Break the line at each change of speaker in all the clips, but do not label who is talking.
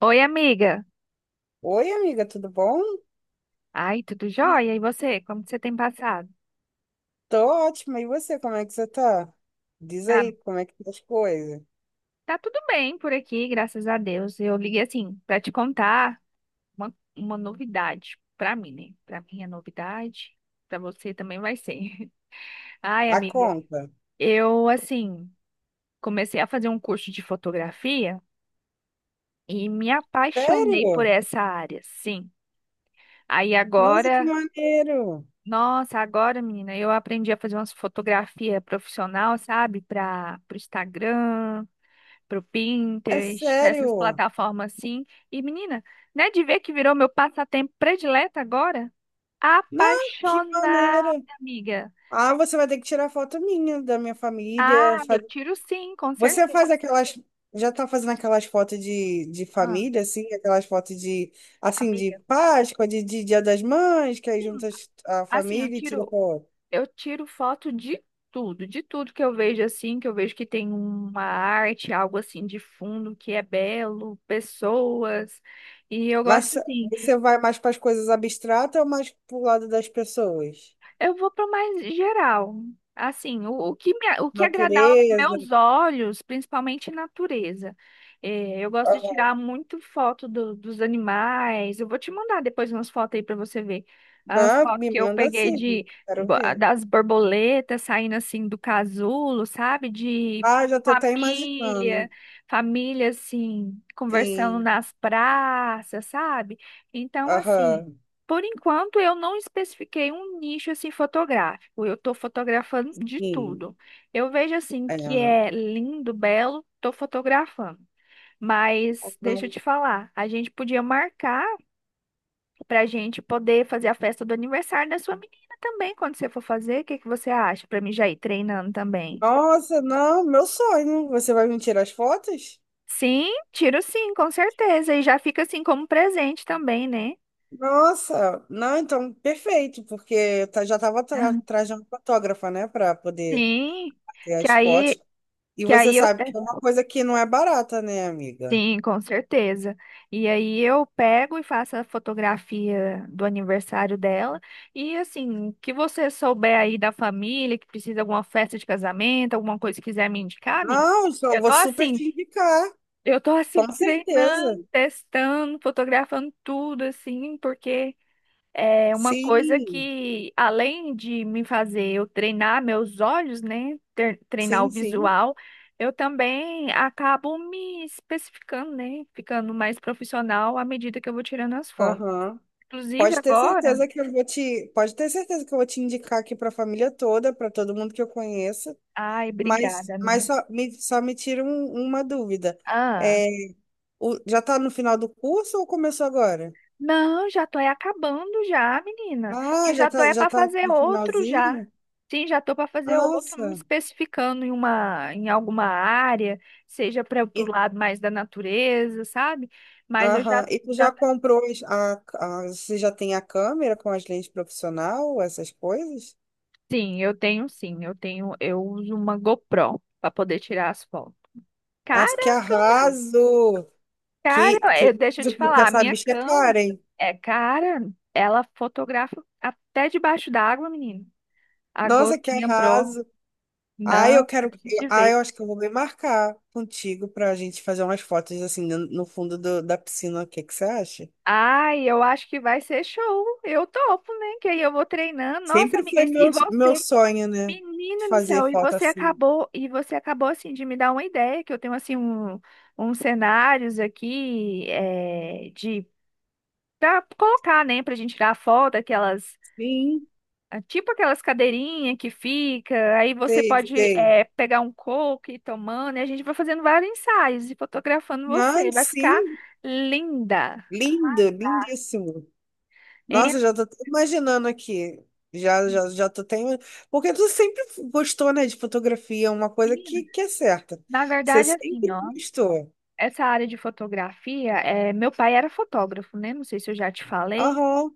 Oi, amiga.
Oi, amiga, tudo bom?
Ai, tudo jóia? E você? Como que você tem passado?
Tô ótima. E você, como é que você tá? Diz
Ah,
aí, como é que tá as coisas?
tá tudo bem por aqui, graças a Deus. Eu liguei assim pra te contar uma novidade pra mim, né? Pra mim é novidade, pra você também vai ser. Ai,
A
amiga,
conta.
eu assim comecei a fazer um curso de fotografia e me apaixonei por
Sério?
essa área, sim. Aí
Nossa, que
agora,
maneiro!
nossa, agora, menina, eu aprendi a fazer umas fotografias profissional, sabe? Para o Instagram, pro
É
Pinterest, pra essas
sério?
plataformas assim. E menina, né, de ver que virou meu passatempo predileto agora?
Não, que
Apaixonada,
maneiro!
amiga.
Ah, você vai ter que tirar foto minha, da minha família.
Ah, eu tiro sim, com
Você
certeza.
faz aquelas. Já tá fazendo aquelas fotos de
Ah,
família, assim? Aquelas fotos de, assim, de
amiga,
Páscoa, de Dia das Mães, que aí
sim.
juntas a
Assim,
família e tira foto.
eu tiro foto de tudo que eu vejo assim, que eu vejo que tem uma arte, algo assim de fundo que é belo, pessoas. E eu
Mas
gosto assim.
você vai mais para as coisas abstratas ou mais para o lado das pessoas?
Eu vou para o mais geral. Assim, o que me, o que agradar aos
Natureza.
meus olhos, principalmente natureza. É, eu gosto de
Aham.
tirar muito foto dos animais. Eu vou te mandar depois umas fotos aí para você ver. As
Ah,
fotos
me
que eu
manda
peguei
sim,
de
quero ver.
das borboletas saindo assim do casulo, sabe? De
Ah, já estou até
família,
imaginando.
família assim, conversando
Sim,
nas praças, sabe? Então, assim.
aham,
Por enquanto, eu não especifiquei um nicho assim fotográfico. Eu estou fotografando de
sim.
tudo. Eu vejo assim
É.
que é lindo, belo, estou fotografando. Mas deixa eu te falar, a gente podia marcar para a gente poder fazer a festa do aniversário da sua menina também, quando você for fazer. O que que você acha? Para mim já ir treinando também.
Nossa, não, meu sonho. Você vai me tirar as fotos?
Sim, tiro sim, com certeza. E já fica assim como presente também, né?
Nossa, não, então perfeito, porque eu já estava
Aham.
atrás de uma fotógrafa, né, para poder
Sim,
ter
que
as fotos.
aí,
E
que
você
aí eu
sabe que é uma coisa que não é barata, né, amiga?
sim, com certeza. E aí eu pego e faço a fotografia do aniversário dela. E assim, que você souber aí da família, que precisa de alguma festa de casamento, alguma coisa que quiser me indicar, amiga.
Não, eu
Eu tô
vou super
assim,
te indicar,
eu tô assim
com certeza.
treinando, testando, fotografando tudo assim, porque é uma coisa
Sim,
que, além de me fazer eu treinar meus olhos, né? Treinar o
sim, sim.
visual, eu também acabo me especificando, né? Ficando mais profissional à medida que eu vou tirando as fotos.
Aham.
Inclusive
Pode ter
agora.
certeza que eu vou te, pode ter certeza que eu vou te indicar aqui para a família toda, para todo mundo que eu conheço.
Ai,
Mas,
obrigada,
mas
amiga.
só me tira uma dúvida.
Ah.
É, já está no final do curso ou começou agora?
Não, já tô é acabando já, menina. E
Ah, já
já tô
está,
é
já
para
tá
fazer
no
outro já.
finalzinho?
Sim, já tô para fazer outro, me
Nossa.
especificando em uma em alguma área, seja para o lado mais da natureza, sabe? Mas eu já
Aham. E tu
já
já comprou você já tem a câmera com as lentes profissional, essas coisas?
sim, eu tenho eu uso uma GoPro para poder tirar as fotos. Cara,
As que
a câmera,
arraso! Que,
cara,
que,
deixa eu te
porque
falar, a
essa
minha
bicha é
câmera
cara, hein?
é cara, ela fotografa até debaixo d'água, menina. A
Nossa, que
Gotinha Pro.
arraso! Ai, eu
Não, eu
quero.
preciso te
Ai, eu
ver.
acho que eu vou me marcar contigo pra gente fazer umas fotos assim no fundo da piscina. O que que você acha?
Ai, eu acho que vai ser show. Eu topo, né? Que aí eu vou treinando. Nossa,
Sempre
amiga,
foi
e
meu, meu
você?
sonho, né?
Menina do céu,
Fazer
e
foto
você
assim.
acabou, e você acabou assim de me dar uma ideia, que eu tenho assim um, uns cenários aqui é, de pra colocar, né, pra gente tirar foto, aquelas,
Sim,
ah, tipo aquelas cadeirinhas que fica, aí você
sei,
pode
sei.
é, pegar um coco e ir tomando, e a gente vai fazendo vários ensaios e fotografando você.
Não,
Vai ficar
sim,
linda.
lindo, lindíssimo.
É,
Nossa, já tô até imaginando aqui. Já, já, já tô até... Porque tu sempre gostou, né, de fotografia, uma coisa
menina,
que é certa.
na
Você
verdade, assim,
sempre
ó,
gostou.
essa área de fotografia, é, meu pai era fotógrafo, né? Não sei se eu já te falei,
Aham,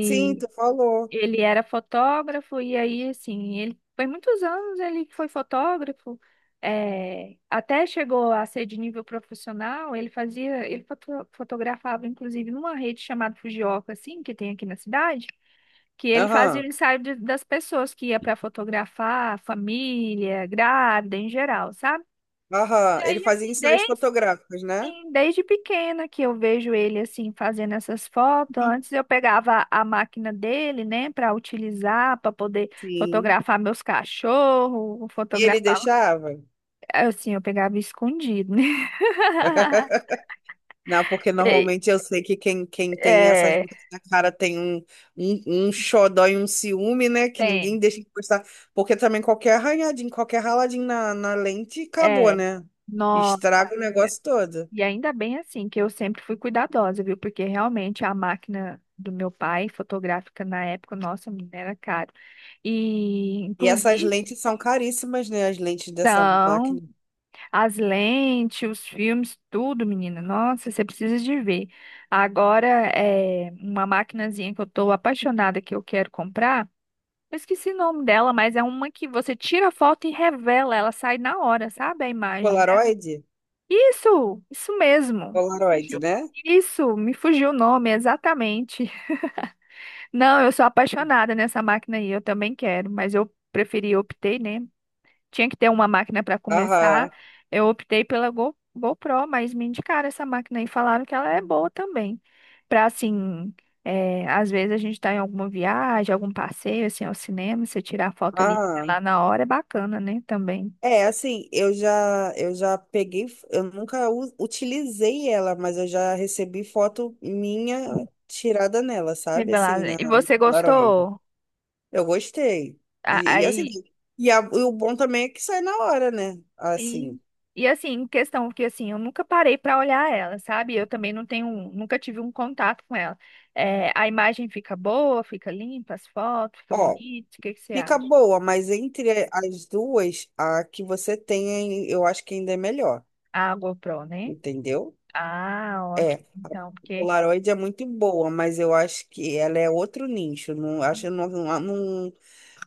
sim, tu falou.
ele era fotógrafo e aí, assim, ele foi muitos anos ele foi fotógrafo, é, até chegou a ser de nível profissional, ele fazia, ele fotografava, inclusive, numa rede chamada Fujioka, assim, que tem aqui na cidade, que ele fazia o
Aham,
ensaio das pessoas que ia para fotografar, família, grávida, em geral, sabe? E
aham. Ele
aí,
fazia
assim,
ensaios
desde,
fotográficos, né?
sim, desde pequena que eu vejo ele, assim, fazendo essas fotos. Antes eu pegava a máquina dele, né, para utilizar, para poder
Sim.
fotografar meus cachorros,
E ele
fotografar.
deixava?
Assim, eu pegava escondido, né?
Não, porque
E-
normalmente eu sei que quem tem essas
É,
marcas na cara tem um, um, um xodó e um ciúme, né? Que ninguém
tem,
deixa de postar. Porque também qualquer arranhadinho, qualquer raladinho na lente, acabou,
é.
né?
Nossa.
Estraga o negócio todo.
E ainda bem, assim, que eu sempre fui cuidadosa, viu? Porque realmente a máquina do meu pai, fotográfica na época, nossa, menina, era caro. E,
E essas
inclusive.
lentes são caríssimas, né? As lentes dessa máquina.
As lentes, os filmes, tudo, menina. Nossa, você precisa de ver. Agora, é uma maquinazinha que eu tô apaixonada que eu quero comprar. Eu esqueci o nome dela, mas é uma que você tira a foto e revela, ela sai na hora, sabe? A imagem dela.
Polaroid?
Isso mesmo.
Polaroid,
Fugiu.
né?
Isso, me fugiu o nome, exatamente. Não, eu sou apaixonada nessa máquina aí, eu também quero, mas eu preferi, optei, né? Tinha que ter uma máquina para começar.
Aham.
Eu optei pela GoPro, mas me indicaram essa máquina e falaram que ela é boa também. Para assim, é, às vezes a gente está em alguma viagem, algum passeio, assim, ao cinema, você tirar foto ali lá
Aham.
na hora é bacana, né? Também.
É, assim, eu já peguei, eu nunca utilizei ela, mas eu já recebi foto minha tirada nela, sabe? Assim,
Revelar.
na
E
no
você
Polaroid.
gostou?
Eu gostei. E assim,
Aí
e, e o bom também é que sai na hora, né? Assim,
sim. E assim, em questão que assim, eu nunca parei para olhar ela, sabe? Eu também não tenho, um, nunca tive um contato com ela. É, a imagem fica boa, fica limpa, as fotos, fica
ó,
bonito. O que que você
fica
acha?
boa, mas entre as duas, a que você tem, eu acho que ainda é melhor,
A GoPro, né?
entendeu?
Ah, ótimo.
É, a
Então, porque
Polaroid é muito boa, mas eu acho que ela é outro nicho. Não, acho, não, não, não,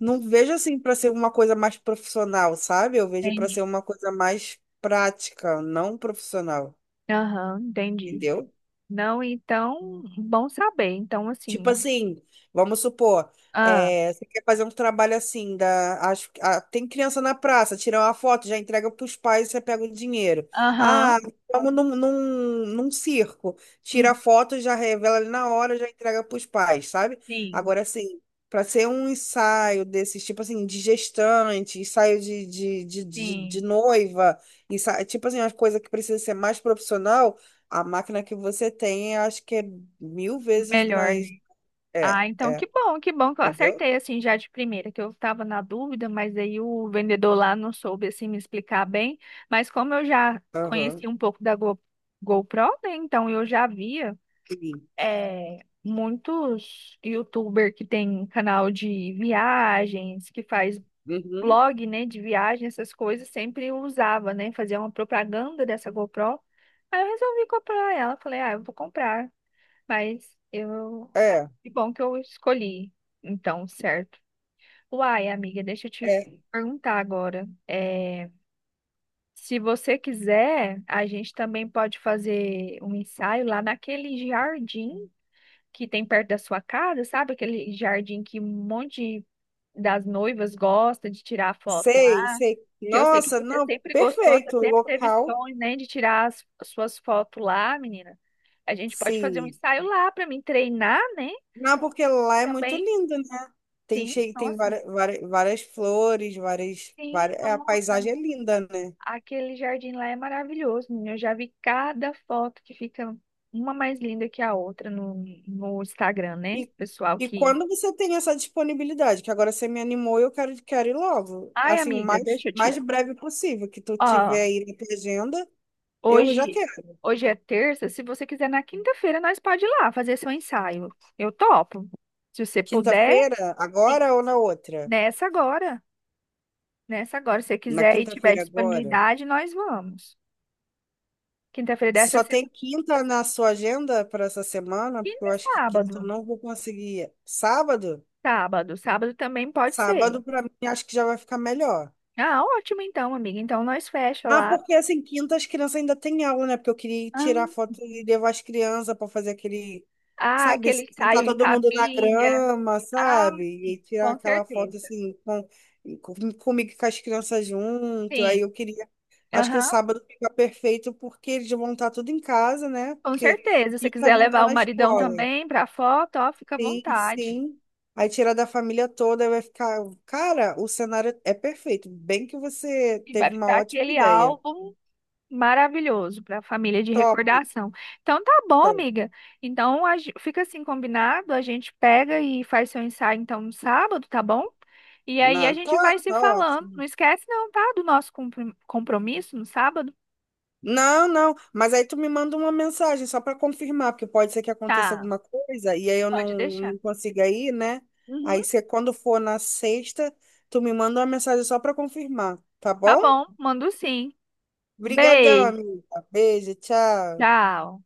não vejo assim para ser uma coisa mais profissional, sabe? Eu vejo para ser
entendi.
uma coisa mais prática, não profissional,
Aham, entendi.
entendeu?
Não, então, bom saber. Então,
Tipo
assim,
assim, vamos supor,
ah,
é, você quer fazer um trabalho assim, da, acho, ah, tem criança na praça, tira uma foto, já entrega para os pais, você pega o dinheiro.
aham,
Ah, vamos num circo, tira
hum,
a foto, já revela ali na hora, já entrega para os pais, sabe?
sim,
Agora, assim, para ser um ensaio desses, tipo assim, de gestante, ensaio de
sim,
noiva, ensaio, tipo assim, uma coisa que precisa ser mais profissional, a máquina que você tem, eu acho que é mil vezes
melhor, né?
mais
Ah,
é,
então que
é,
bom, que bom que eu
entendeu?
acertei assim já de primeira, que eu estava na dúvida, mas aí o vendedor lá não soube assim me explicar bem, mas como eu já
Aham,
conheci um pouco da GoPro, né, então eu já via
sim.
muitos YouTuber que tem canal de viagens, que faz
Uhum.
blog, né, de viagem, essas coisas, sempre usava, né, fazia uma propaganda dessa GoPro. Aí eu resolvi comprar ela, falei, ah, eu vou comprar. Mas eu.
É,
Que bom que eu escolhi, então, certo. Uai, amiga, deixa eu te
é.
perguntar agora. É, se você quiser, a gente também pode fazer um ensaio lá naquele jardim que tem perto da sua casa, sabe? Aquele jardim que um monte de- das noivas gosta de tirar foto
Sei,
lá.
sei.
Que eu sei que
Nossa,
você
não,
sempre gostou, você
perfeito o
sempre teve
local.
sonho, né, de tirar as suas fotos lá, menina. A gente pode fazer um
Sim.
ensaio lá para mim treinar, né?
Não, porque lá é muito
Também.
lindo, né? Tem
Sim,
cheio, tem
nossa.
várias, várias, várias flores, várias,
Sim,
várias, é, a
nossa.
paisagem é linda, né?
Aquele jardim lá é maravilhoso, menina. Eu já vi cada foto que fica uma mais linda que a outra no Instagram, né?
E,
Pessoal
e
que.
quando você tem essa disponibilidade, que agora você me animou, eu quero, quero ir logo.
Ai,
Assim, o
amiga,
mais,
deixa eu
mais
te.
breve possível, que tu
Ó,
tiver aí na tua agenda, eu já
hoje,
quero.
hoje é terça. Se você quiser, na quinta-feira, nós pode ir lá fazer seu ensaio. Eu topo. Se você puder,
Quinta-feira,
sim,
agora ou na outra?
nessa agora. Nessa agora. Se você
Na
quiser e tiver
quinta-feira agora.
disponibilidade, nós vamos. Quinta-feira dessa
Só tem
semana.
quinta na sua agenda para essa semana, porque
Quinta
eu
e
acho que quinta eu
sábado.
não vou conseguir. Sábado?
Sábado, sábado também pode
Sábado
ser.
para mim acho que já vai ficar melhor.
Ah, ótimo então, amiga. Então nós fecha
Ah,
lá.
porque assim, quinta as crianças ainda têm aula, né? Porque eu queria
Ah,
tirar foto e levar as crianças para fazer aquele,
ah,
sabe,
aquele
sentar
ensaio em
todo mundo na
família.
grama,
Ah,
sabe? E
sim,
tirar
com
aquela foto
certeza.
assim, com, comigo e com as crianças junto. Aí
Sim,
eu queria. Acho que o
aham,
sábado fica perfeito porque eles vão estar tudo em casa, né?
com
Porque
certeza. Se você
quinta
quiser
vão
levar
estar
o
na
maridão
escola.
também pra foto, ó, fica à
Sim,
vontade.
sim. Aí tirar da família toda, aí vai ficar. Cara, o cenário é perfeito. Bem que você
E vai
teve uma
ficar
ótima
aquele
ideia.
álbum maravilhoso para a família de
Top.
recordação. Então tá bom,
Tá.
amiga. Então a fica assim combinado, a gente pega e faz seu ensaio então no sábado, tá bom? E aí a
Não, tá,
gente vai se
tá
falando. Não
ótimo.
esquece não, tá? Do nosso compromisso no sábado.
Não, não, mas aí tu me manda uma mensagem só para confirmar, porque pode ser que aconteça
Tá,
alguma coisa e aí eu não,
pode deixar.
não consiga ir, né?
Uhum,
Aí você, quando for na sexta, tu me manda uma mensagem só para confirmar, tá
tá
bom?
bom, mando sim.
Obrigadão,
Beijo,
amiga. Beijo, tchau.
tchau.